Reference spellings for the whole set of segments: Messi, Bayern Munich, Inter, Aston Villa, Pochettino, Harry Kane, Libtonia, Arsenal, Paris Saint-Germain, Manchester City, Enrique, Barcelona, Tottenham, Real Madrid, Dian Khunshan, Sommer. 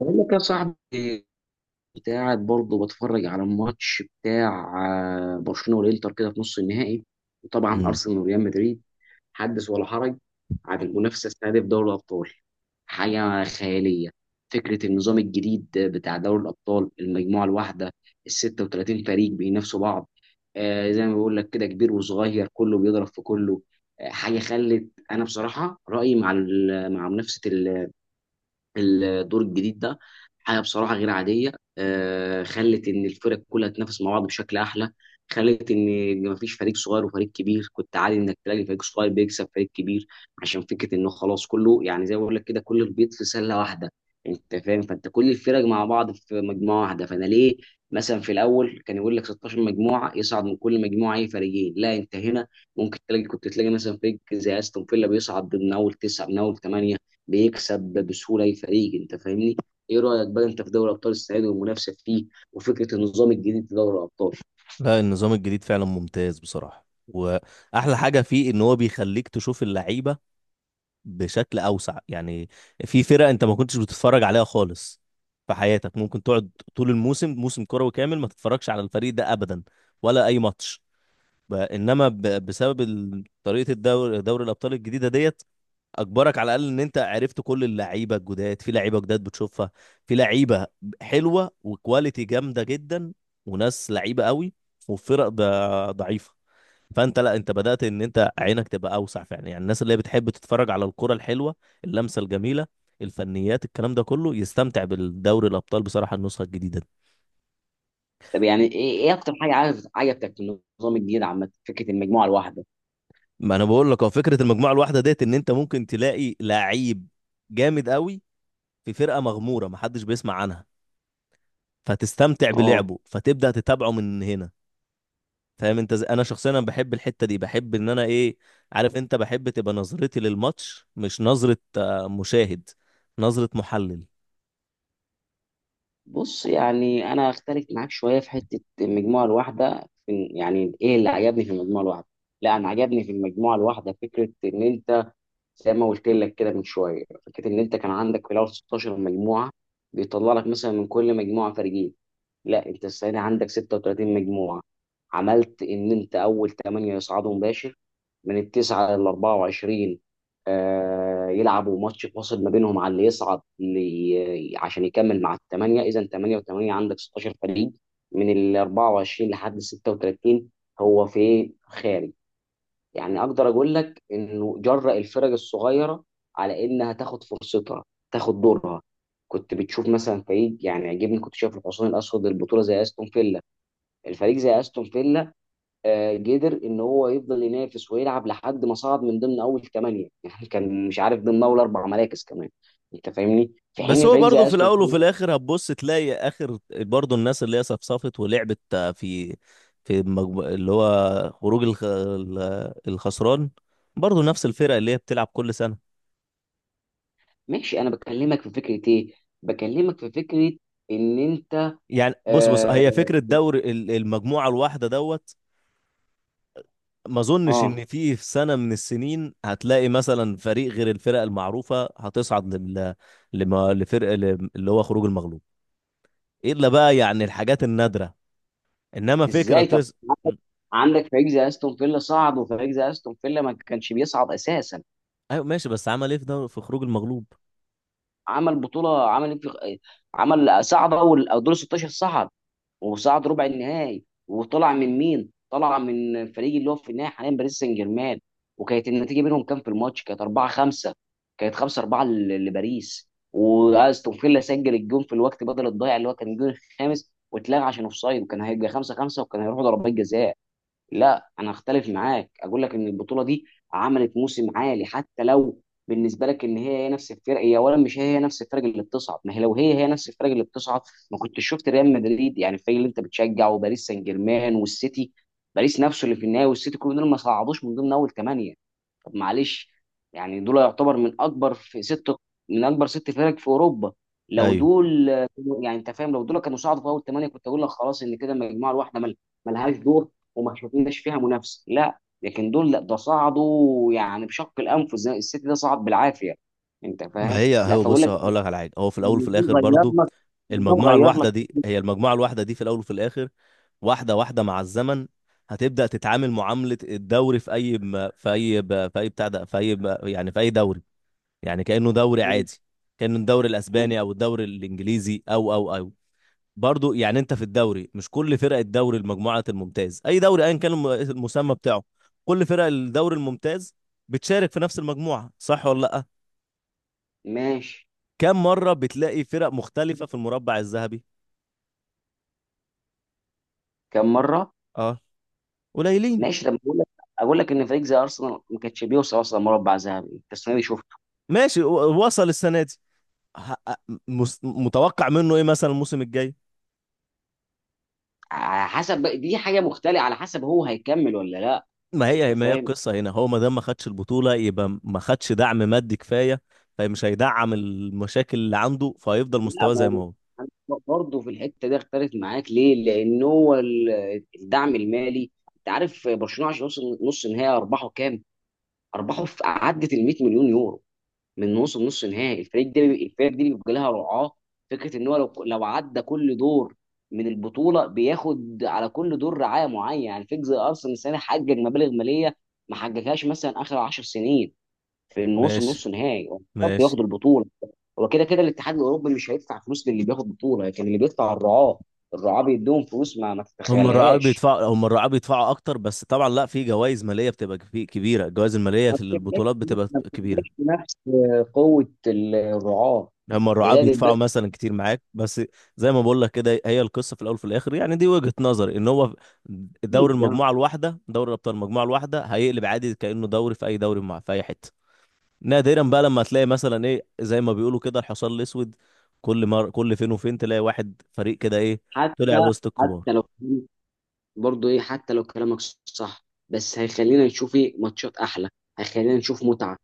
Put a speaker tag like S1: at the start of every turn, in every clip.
S1: بقول لك يا صاحبي، كنت قاعد برضه بتفرج على الماتش بتاع برشلونه والانتر كده في نص النهائي، وطبعا
S2: مم.
S1: ارسنال وريال مدريد حدث ولا حرج. عن المنافسه السنه دي في دوري الابطال، حاجه خياليه. فكره النظام الجديد بتاع دوري الابطال، المجموعه الواحده، ال 36 فريق بينافسوا بعض. زي ما بقول لك كده، كبير وصغير كله بيضرب في كله. حاجه خلت انا بصراحه رايي مع مع منافسه الدور الجديد ده، حاجه بصراحه غير عاديه. خلت ان الفرق كلها تنافس مع بعض بشكل احلى، خلت ان مفيش فريق صغير وفريق كبير. كنت عادي انك تلاقي فريق صغير بيكسب فريق كبير، عشان فكره انه خلاص كله يعني زي ما بقول لك كده، كل البيض في سله واحده. انت فاهم؟ فانت كل الفرق مع بعض في مجموعه واحده. فانا ليه مثلا في الاول كان يقول لك 16 مجموعه يصعد من كل مجموعه اي فريقين؟ لا انت هنا ممكن تلاقي، كنت تلاقي مثلا فريق زي استون فيلا بيصعد من اول تسعه، من اول ثمانيه، بيكسب بسهوله اي فريق. انت فاهمني؟ ايه رايك بقى انت في دوري ابطال السنه دي، والمنافسه فيه، وفكره النظام الجديد في دوري الابطال؟
S2: لا، النظام الجديد فعلا ممتاز بصراحة، واحلى حاجة فيه ان هو بيخليك تشوف اللعيبة بشكل اوسع. يعني في فرق انت ما كنتش بتتفرج عليها خالص في حياتك. ممكن تقعد طول الموسم، موسم كروي كامل، ما تتفرجش على الفريق ده ابدا ولا اي ماتش. بسبب طريقة دوري الابطال الجديدة ديت، اجبرك على الاقل ان انت عرفت كل اللعيبه الجداد. في لعيبه جداد بتشوفها، في لعيبه حلوه وكواليتي جامده جدا، وناس لعيبه قوي، وفرق ضعيفه. فانت لا، انت بدات ان انت عينك تبقى اوسع فعلا. يعني الناس اللي هي بتحب تتفرج على الكره الحلوه، اللمسه الجميله، الفنيات، الكلام ده كله، يستمتع بالدوري الابطال بصراحه النسخه الجديده دي.
S1: طب يعني ايه، ايه اكتر حاجه عجبتك في النظام الجديد عامه، فكره المجموعه الواحده؟
S2: ما انا بقول لك، هو فكره المجموعه الواحده ديت ان انت ممكن تلاقي لعيب جامد قوي في فرقه مغموره محدش بيسمع عنها، فتستمتع
S1: اه.
S2: بلعبه فتبدأ تتابعه من هنا. فاهم انت انا شخصيا أنا بحب الحتة دي، بحب ان انا، ايه، عارف انت، بحب تبقى نظرتي للماتش مش نظرة مشاهد، نظرة محلل.
S1: بص، يعني انا اختلف معاك شويه في حته المجموعه الواحده يعني ايه اللي عجبني في المجموعه الواحده؟ لا انا عجبني في المجموعه الواحده فكره ان انت، زي ما قلت لك كده من شويه، فكره ان انت كان عندك في الاول 16 مجموعه، بيطلع لك مثلا من كل مجموعه فريقين. لا انت السنه دي عندك 36 مجموعه، عملت ان انت اول 8 يصعدوا مباشر، من التسعه لل 24 آه يلعبوا ماتش فاصل ما بينهم على اللي يصعد لي عشان يكمل مع الثمانيه. اذا 8 و8 عندك 16 فريق، من ال 24 لحد ال 36 هو في خارج. يعني اقدر اقول لك انه جرأ الفرق الصغيره على انها تاخد فرصتها، تاخد دورها. كنت بتشوف مثلا فريق، يعني عجبني كنت شايف الحصان الاسود البطوله زي استون فيلا، الفريق زي استون فيلا، قدر ان هو يفضل ينافس ويلعب لحد ما صعد من ضمن اول ثمانيه يعني كان مش عارف ضمن اول اربع مراكز كمان. انت فاهمني؟ في
S2: بس
S1: حين
S2: هو
S1: فريق
S2: برضه
S1: زي
S2: في
S1: استون
S2: الاول
S1: فيلا،
S2: وفي الاخر هتبص تلاقي اخر برضه الناس اللي هي صفصفت ولعبت في اللي هو خروج الخسران، برضه نفس الفرق اللي هي بتلعب كل سنة.
S1: ماشي. انا بكلمك في فكره ايه؟ بكلمك في فكره ان انت،
S2: يعني بص بص،
S1: اه،
S2: هي فكرة دوري المجموعة الواحدة دوت. ما اظنش
S1: آه،
S2: ان في في سنه من السنين هتلاقي مثلا فريق غير الفرق المعروفه هتصعد لفرق اللي هو خروج المغلوب، الا بقى يعني الحاجات النادره. انما فكره
S1: ازاي طب؟ عندك،
S2: م.
S1: عندك فريق زي استون فيلا صعد، وفريق زي استون فيلا ما كانش بيصعد اساسا.
S2: ايوه ماشي، بس عمل ايه في في خروج المغلوب؟
S1: عمل بطوله، عمل إيه عمل، صعد اول او دور 16 صعد، وصعد ربع النهائي، وطلع من مين؟ طلع من الفريق اللي هو في النهائي حاليا باريس سان جيرمان. وكانت النتيجه بينهم كام في الماتش؟ كانت 4 5، كانت 5 4 لباريس. واستون فيلا سجل الجون في الوقت بدل الضايع اللي هو كان الجون الخامس واتلغى عشان اوفسايد، وكان هيبقى 5 5 وكان هيروحوا ضربات جزاء. لا انا اختلف معاك، اقول لك ان البطوله دي عملت موسم عالي. حتى لو بالنسبه لك ان هي نفس الفرق، هي اولا مش هي نفس الفرق اللي بتصعد. ما هي لو هي نفس الفرق اللي بتصعد، ما كنتش شفت ريال مدريد يعني الفريق اللي انت بتشجعه، وباريس سان جيرمان، والسيتي. باريس نفسه اللي في النهائي، والسيتي، كل دول ما صعدوش من ضمن اول ثمانيه. طب معلش، يعني دول يعتبر من اكبر في ست، من اكبر ست فرق في اوروبا. لو
S2: ايوه،
S1: دول يعني انت فاهم، لو دول كانوا صعدوا في اول ثمانيه كنت اقول لك خلاص، ان كده المجموعه الواحده ملهاش دور، وما شفناش فيها منافسه. لا، لكن دول لا، ده صعدوا يعني بشق الانف، زي السيتي ده صعد بالعافيه. انت
S2: ما
S1: فاهم؟
S2: هي
S1: لا
S2: هو
S1: فاقول
S2: بص،
S1: لك،
S2: هقول لك على حاجه. هو في الاول وفي
S1: النظام
S2: الاخر
S1: غير
S2: برضو
S1: لك، النظام
S2: المجموعه
S1: غير
S2: الواحده
S1: لك.
S2: دي، هي المجموعه الواحده دي في الاول وفي الاخر. واحده واحده مع الزمن هتبدا تتعامل معامله الدوري يعني في اي دوري. يعني كأنه دوري
S1: م-
S2: عادي، كأنه الدوري
S1: م-
S2: الأسباني أو الدوري الإنجليزي أو. برضو يعني أنت في الدوري، مش كل فرق الدوري، المجموعات الممتاز، أي دوري أيا كان المسمى بتاعه، كل فرق الدوري الممتاز بتشارك في نفس المجموعة، صح ولا لأ؟
S1: ماشي.
S2: كم مرة بتلاقي فرق مختلفة في المربع الذهبي؟
S1: كم مره؟
S2: اه، قليلين.
S1: ماشي لما اقول لك، اقول لك ان فريق زي ارسنال ما كانش بيوصل اصلا مربع ذهبي، انت السنه دي شفت.
S2: ماشي وصل السنة دي. ه- متوقع منه إيه مثلا الموسم الجاي؟
S1: على حسب دي حاجه مختلفه، على حسب هو هيكمل ولا لا.
S2: ما
S1: انت
S2: هي ما هي
S1: فاهم؟
S2: القصة هنا. هو ما دام ما خدش البطولة، يبقى ما خدش دعم مادي كفاية، فمش هيدعم المشاكل اللي عنده، فهيفضل
S1: لا،
S2: مستواه
S1: ما
S2: زي ما هو.
S1: هو برضه في الحته دي اختلف معاك ليه؟ لان هو الدعم المالي. انت عارف برشلونه عشان يوصل نص نهائي ارباحه كام؟ ارباحه في عدت ال 100 مليون يورو. من وصل نص نهائي الفريق ده الفريق دي بيبقى لها رعاه. فكره ان هو لو عدى كل دور من البطوله بياخد على كل دور رعايه معينه. يعني فكره زي ارسنال السنه دي حقق مبالغ ماليه ما حققهاش مثلا اخر 10 سنين، في انه وصل
S2: ماشي،
S1: نص نهائي. هو مش شرط ياخد
S2: ماشي.
S1: البطوله. هو كده كده الاتحاد الاوروبي مش هيدفع فلوس للي بياخد بطوله، لكن اللي بيدفع الرعاه. الرعاه بيدوهم فلوس ما تتخيلهاش.
S2: هم الرعاة بيدفعوا أكتر، بس طبعا لا، في جوائز مالية بتبقى كبيرة، الجوائز المالية
S1: ما بتبقاش،
S2: للبطولات بتبقى
S1: ما
S2: كبيرة.
S1: بتبقاش بنفس قوه الرعاه،
S2: هم
S1: ده
S2: الرعاة
S1: زائد
S2: بيدفعوا
S1: البدء.
S2: مثلا كتير معاك بس. زي ما بقول لك كده، هي القصة في الأول وفي الآخر. يعني دي وجهة نظري، إن هو
S1: ده
S2: دوري الأبطال المجموعة الواحدة، هيقلب عادي كأنه دوري في أي دوري، مع في أي حتة. نادرا بقى لما تلاقي مثلا، ايه، زي ما بيقولوا كده، الحصان الاسود. كل فين وفين تلاقي واحد فريق كده، ايه،
S1: حتى،
S2: طلع وسط
S1: حتى
S2: الكبار.
S1: لو برضه ايه، حتى لو كلامك صح، بس هيخلينا نشوف ايه ماتشات احلى، هيخلينا نشوف متعه.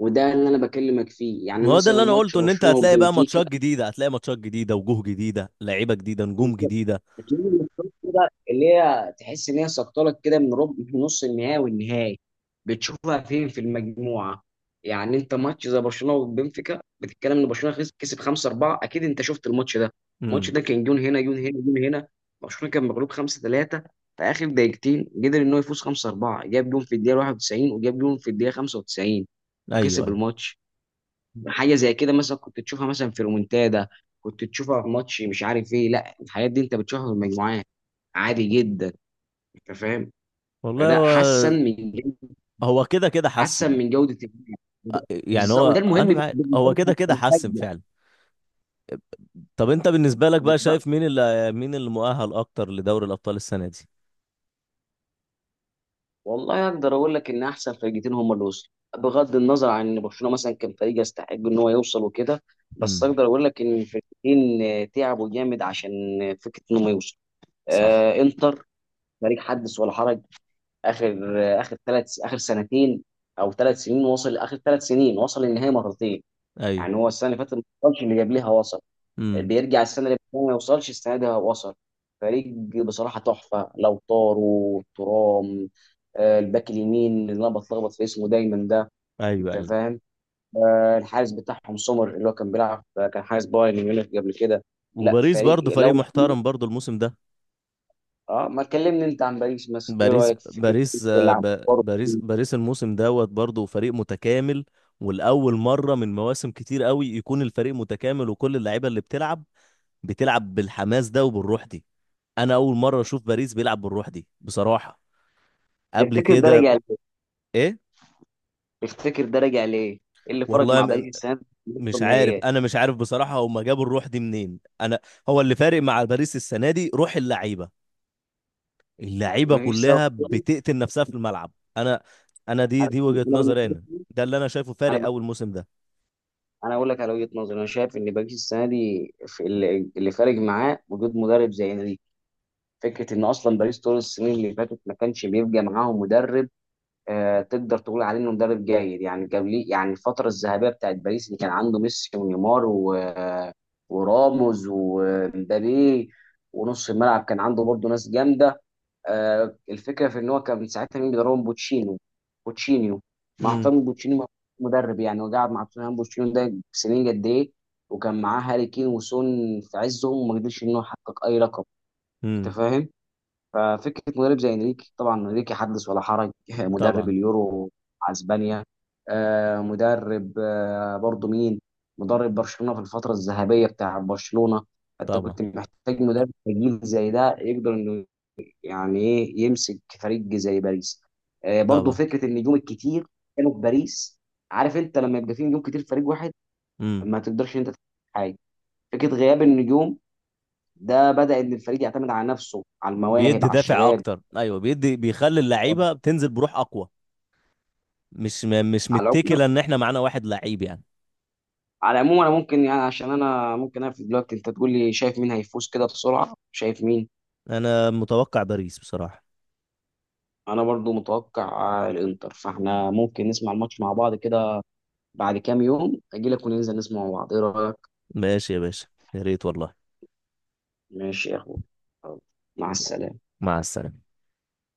S1: وده اللي انا بكلمك فيه.
S2: ما
S1: يعني
S2: هو ده
S1: مثلا
S2: اللي انا
S1: ماتش
S2: قلته، ان انت
S1: برشلونه
S2: هتلاقي بقى
S1: وبنفيكا،
S2: ماتشات جديده، وجوه جديده، لعيبه جديده، نجوم جديده.
S1: بتيجي من الشوط كده اللي هي تحس ان هي سقطلك كده من ربع، من نص النهائي والنهائي، بتشوفها فين؟ في المجموعه. يعني انت ماتش زي برشلونه وبنفيكا، بتتكلم ان برشلونه كسب 5 4. اكيد انت شفت الماتش ده. الماتش
S2: امم.
S1: ده كان جون هنا، جون هنا، جون هنا. برشلونه كان مغلوب 5 3، في اخر دقيقتين قدر ان هو يفوز 5 4. جاب جون في الدقيقه 91 وجاب جون في الدقيقه 95
S2: ايوه،
S1: وكسب
S2: ايوه.
S1: الماتش. حاجه زي كده مثلا كنت تشوفها مثلا في رومنتادا، كنت تشوفها في ماتش مش عارف ايه، لا الحاجات دي انت بتشوفها في المجموعات عادي جدا. انت فاهم؟
S2: والله
S1: فده
S2: هو،
S1: حسن من جودة،
S2: هو كده كده
S1: حسن
S2: حسن.
S1: من جودة اللعب. وده-
S2: يعني
S1: بالظبط وده
S2: هو
S1: المهم
S2: انا معاك،
S1: بالنسبة
S2: هو
S1: لي
S2: كده كده حسن
S1: كمشجع.
S2: فعلا. طب انت بالنسبه لك بقى،
S1: بالظبط.
S2: شايف مين اللي مؤهل اكتر لدوري الابطال السنه دي؟
S1: والله اقدر اقول لك ان احسن فرقتين هم اللي وصلوا، بغض النظر عن ان برشلونة مثلا كان فريق يستحق ان هو يوصل وكده. بس
S2: امم.
S1: اقدر اقول لك ان الفرقتين تعبوا جامد عشان فكرة انهم يوصلوا.
S2: صح.
S1: آه انتر، فريق حدث ولا حرج. اخر اخر ثلاث، اخر سنتين او ثلاث سنين وصل، اخر ثلاث سنين وصل النهائي مرتين.
S2: ايوه.
S1: يعني هو السنه اللي فاتت ما وصلش، اللي قبلها وصل.
S2: امم.
S1: بيرجع السنه اللي فاتت ما يوصلش، السنه دي هو وصل. فريق بصراحه تحفه، لو طاروا ترام، الباك اليمين اللي انا بتلخبط في اسمه دايما ده.
S2: ايوه،
S1: انت
S2: ايوه.
S1: فاهم؟ الحارس بتاعهم سومر اللي هو كان بيلعب، كان حارس بايرن ميونخ قبل كده. لا
S2: وباريس برضه
S1: فريق،
S2: فريق
S1: لو
S2: محترم برضه الموسم ده.
S1: اه. ما تكلمني انت عن باريس مثلا. ايه
S2: باريس
S1: رايك في فكره
S2: باريس
S1: اللي عم برضه؟
S2: باريس الموسم دوت برضه فريق متكامل. والأول مرة من مواسم كتير قوي يكون الفريق متكامل، وكل اللعيبة اللي بتلعب بتلعب بالحماس ده وبالروح دي. أنا أول مرة أشوف باريس بيلعب بالروح دي بصراحة قبل
S1: تفتكر ده
S2: كده.
S1: راجع ليه؟
S2: إيه؟
S1: تفتكر ده راجع ليه؟ ايه اللي فرق
S2: والله
S1: مع باريس السنه دي في
S2: مش عارف،
S1: النهائيات؟
S2: أنا مش عارف بصراحة هما جابوا الروح دي منين. أنا، هو اللي فارق مع باريس السنة دي روح اللعيبة، اللعيبه
S1: مفيش سبب.
S2: كلها بتقتل نفسها في الملعب. انا انا دي
S1: انا
S2: دي وجهة
S1: أنا
S2: نظري،
S1: بالنسبه
S2: انا
S1: لي،
S2: ده اللي انا شايفه فارق
S1: انا
S2: اول موسم ده.
S1: انا اقول لك على وجهه نظري. انا شايف ان باريس السنه دي في اللي فارق معاه وجود مدرب زي انريكي. فكره ان اصلا باريس طول السنين اللي فاتت ما كانش بيبقى معاهم مدرب. آه تقدر تقول عليه انه مدرب جيد، يعني قبل، يعني الفتره الذهبيه بتاعت باريس اللي كان عنده ميسي ونيمار و وراموس ومبابي، ونص الملعب كان عنده برضه ناس جامده. الفكره في ان هو كان ساعتها مين بيدربهم؟ بوتشينو، بوتشينيو، مع
S2: امم.
S1: احترامي بوتشينيو، مدرب يعني. وقعد مع توتنهام بوتشينيو ده سنين قد ايه، وكان معاه هاري كين وسون في عزهم، وما قدرش ان هو يحقق اي لقب. انت
S2: امم.
S1: فاهم؟ ففكره مدرب زي انريكي، طبعا انريكي حدث ولا حرج مدرب
S2: طبعا.
S1: اليورو مع اسبانيا. مدرب برضه مين، مدرب برشلونه في الفتره الذهبيه بتاع برشلونه. انت
S2: طبعا.
S1: كنت محتاج مدرب تقيل زي ده يقدر انه يعني ايه، يمسك فريق زي باريس. آه برضو
S2: طبعا.
S1: فكره النجوم الكتير كانوا في باريس. عارف انت لما يبقى فيه نجوم كتير في فريق واحد،
S2: امم.
S1: ما تقدرش انت تعمل حاجه. فكره غياب النجوم ده بدا ان الفريق يعتمد على نفسه، على المواهب،
S2: بيدي
S1: على
S2: دافع
S1: الشباب.
S2: اكتر، ايوه، بيدي، بيخلي اللعيبه بتنزل بروح اقوى، مش مش
S1: على العموم،
S2: متكله ان احنا معانا واحد لعيب يعني.
S1: على العموم انا ممكن يعني، عشان انا ممكن اقفل دلوقتي، انت تقول لي شايف مين هيفوز كده بسرعه؟ شايف مين؟
S2: انا متوقع باريس بصراحه.
S1: انا برضو متوقع الانتر. فاحنا ممكن نسمع الماتش مع بعض كده، بعد كام يوم اجي لك وننزل نسمع مع بعض، ايه رايك؟
S2: ماشي يا باشا، يا ريت والله.
S1: ماشي يا أخوي، يلا، مع السلامة.
S2: مع السلامه.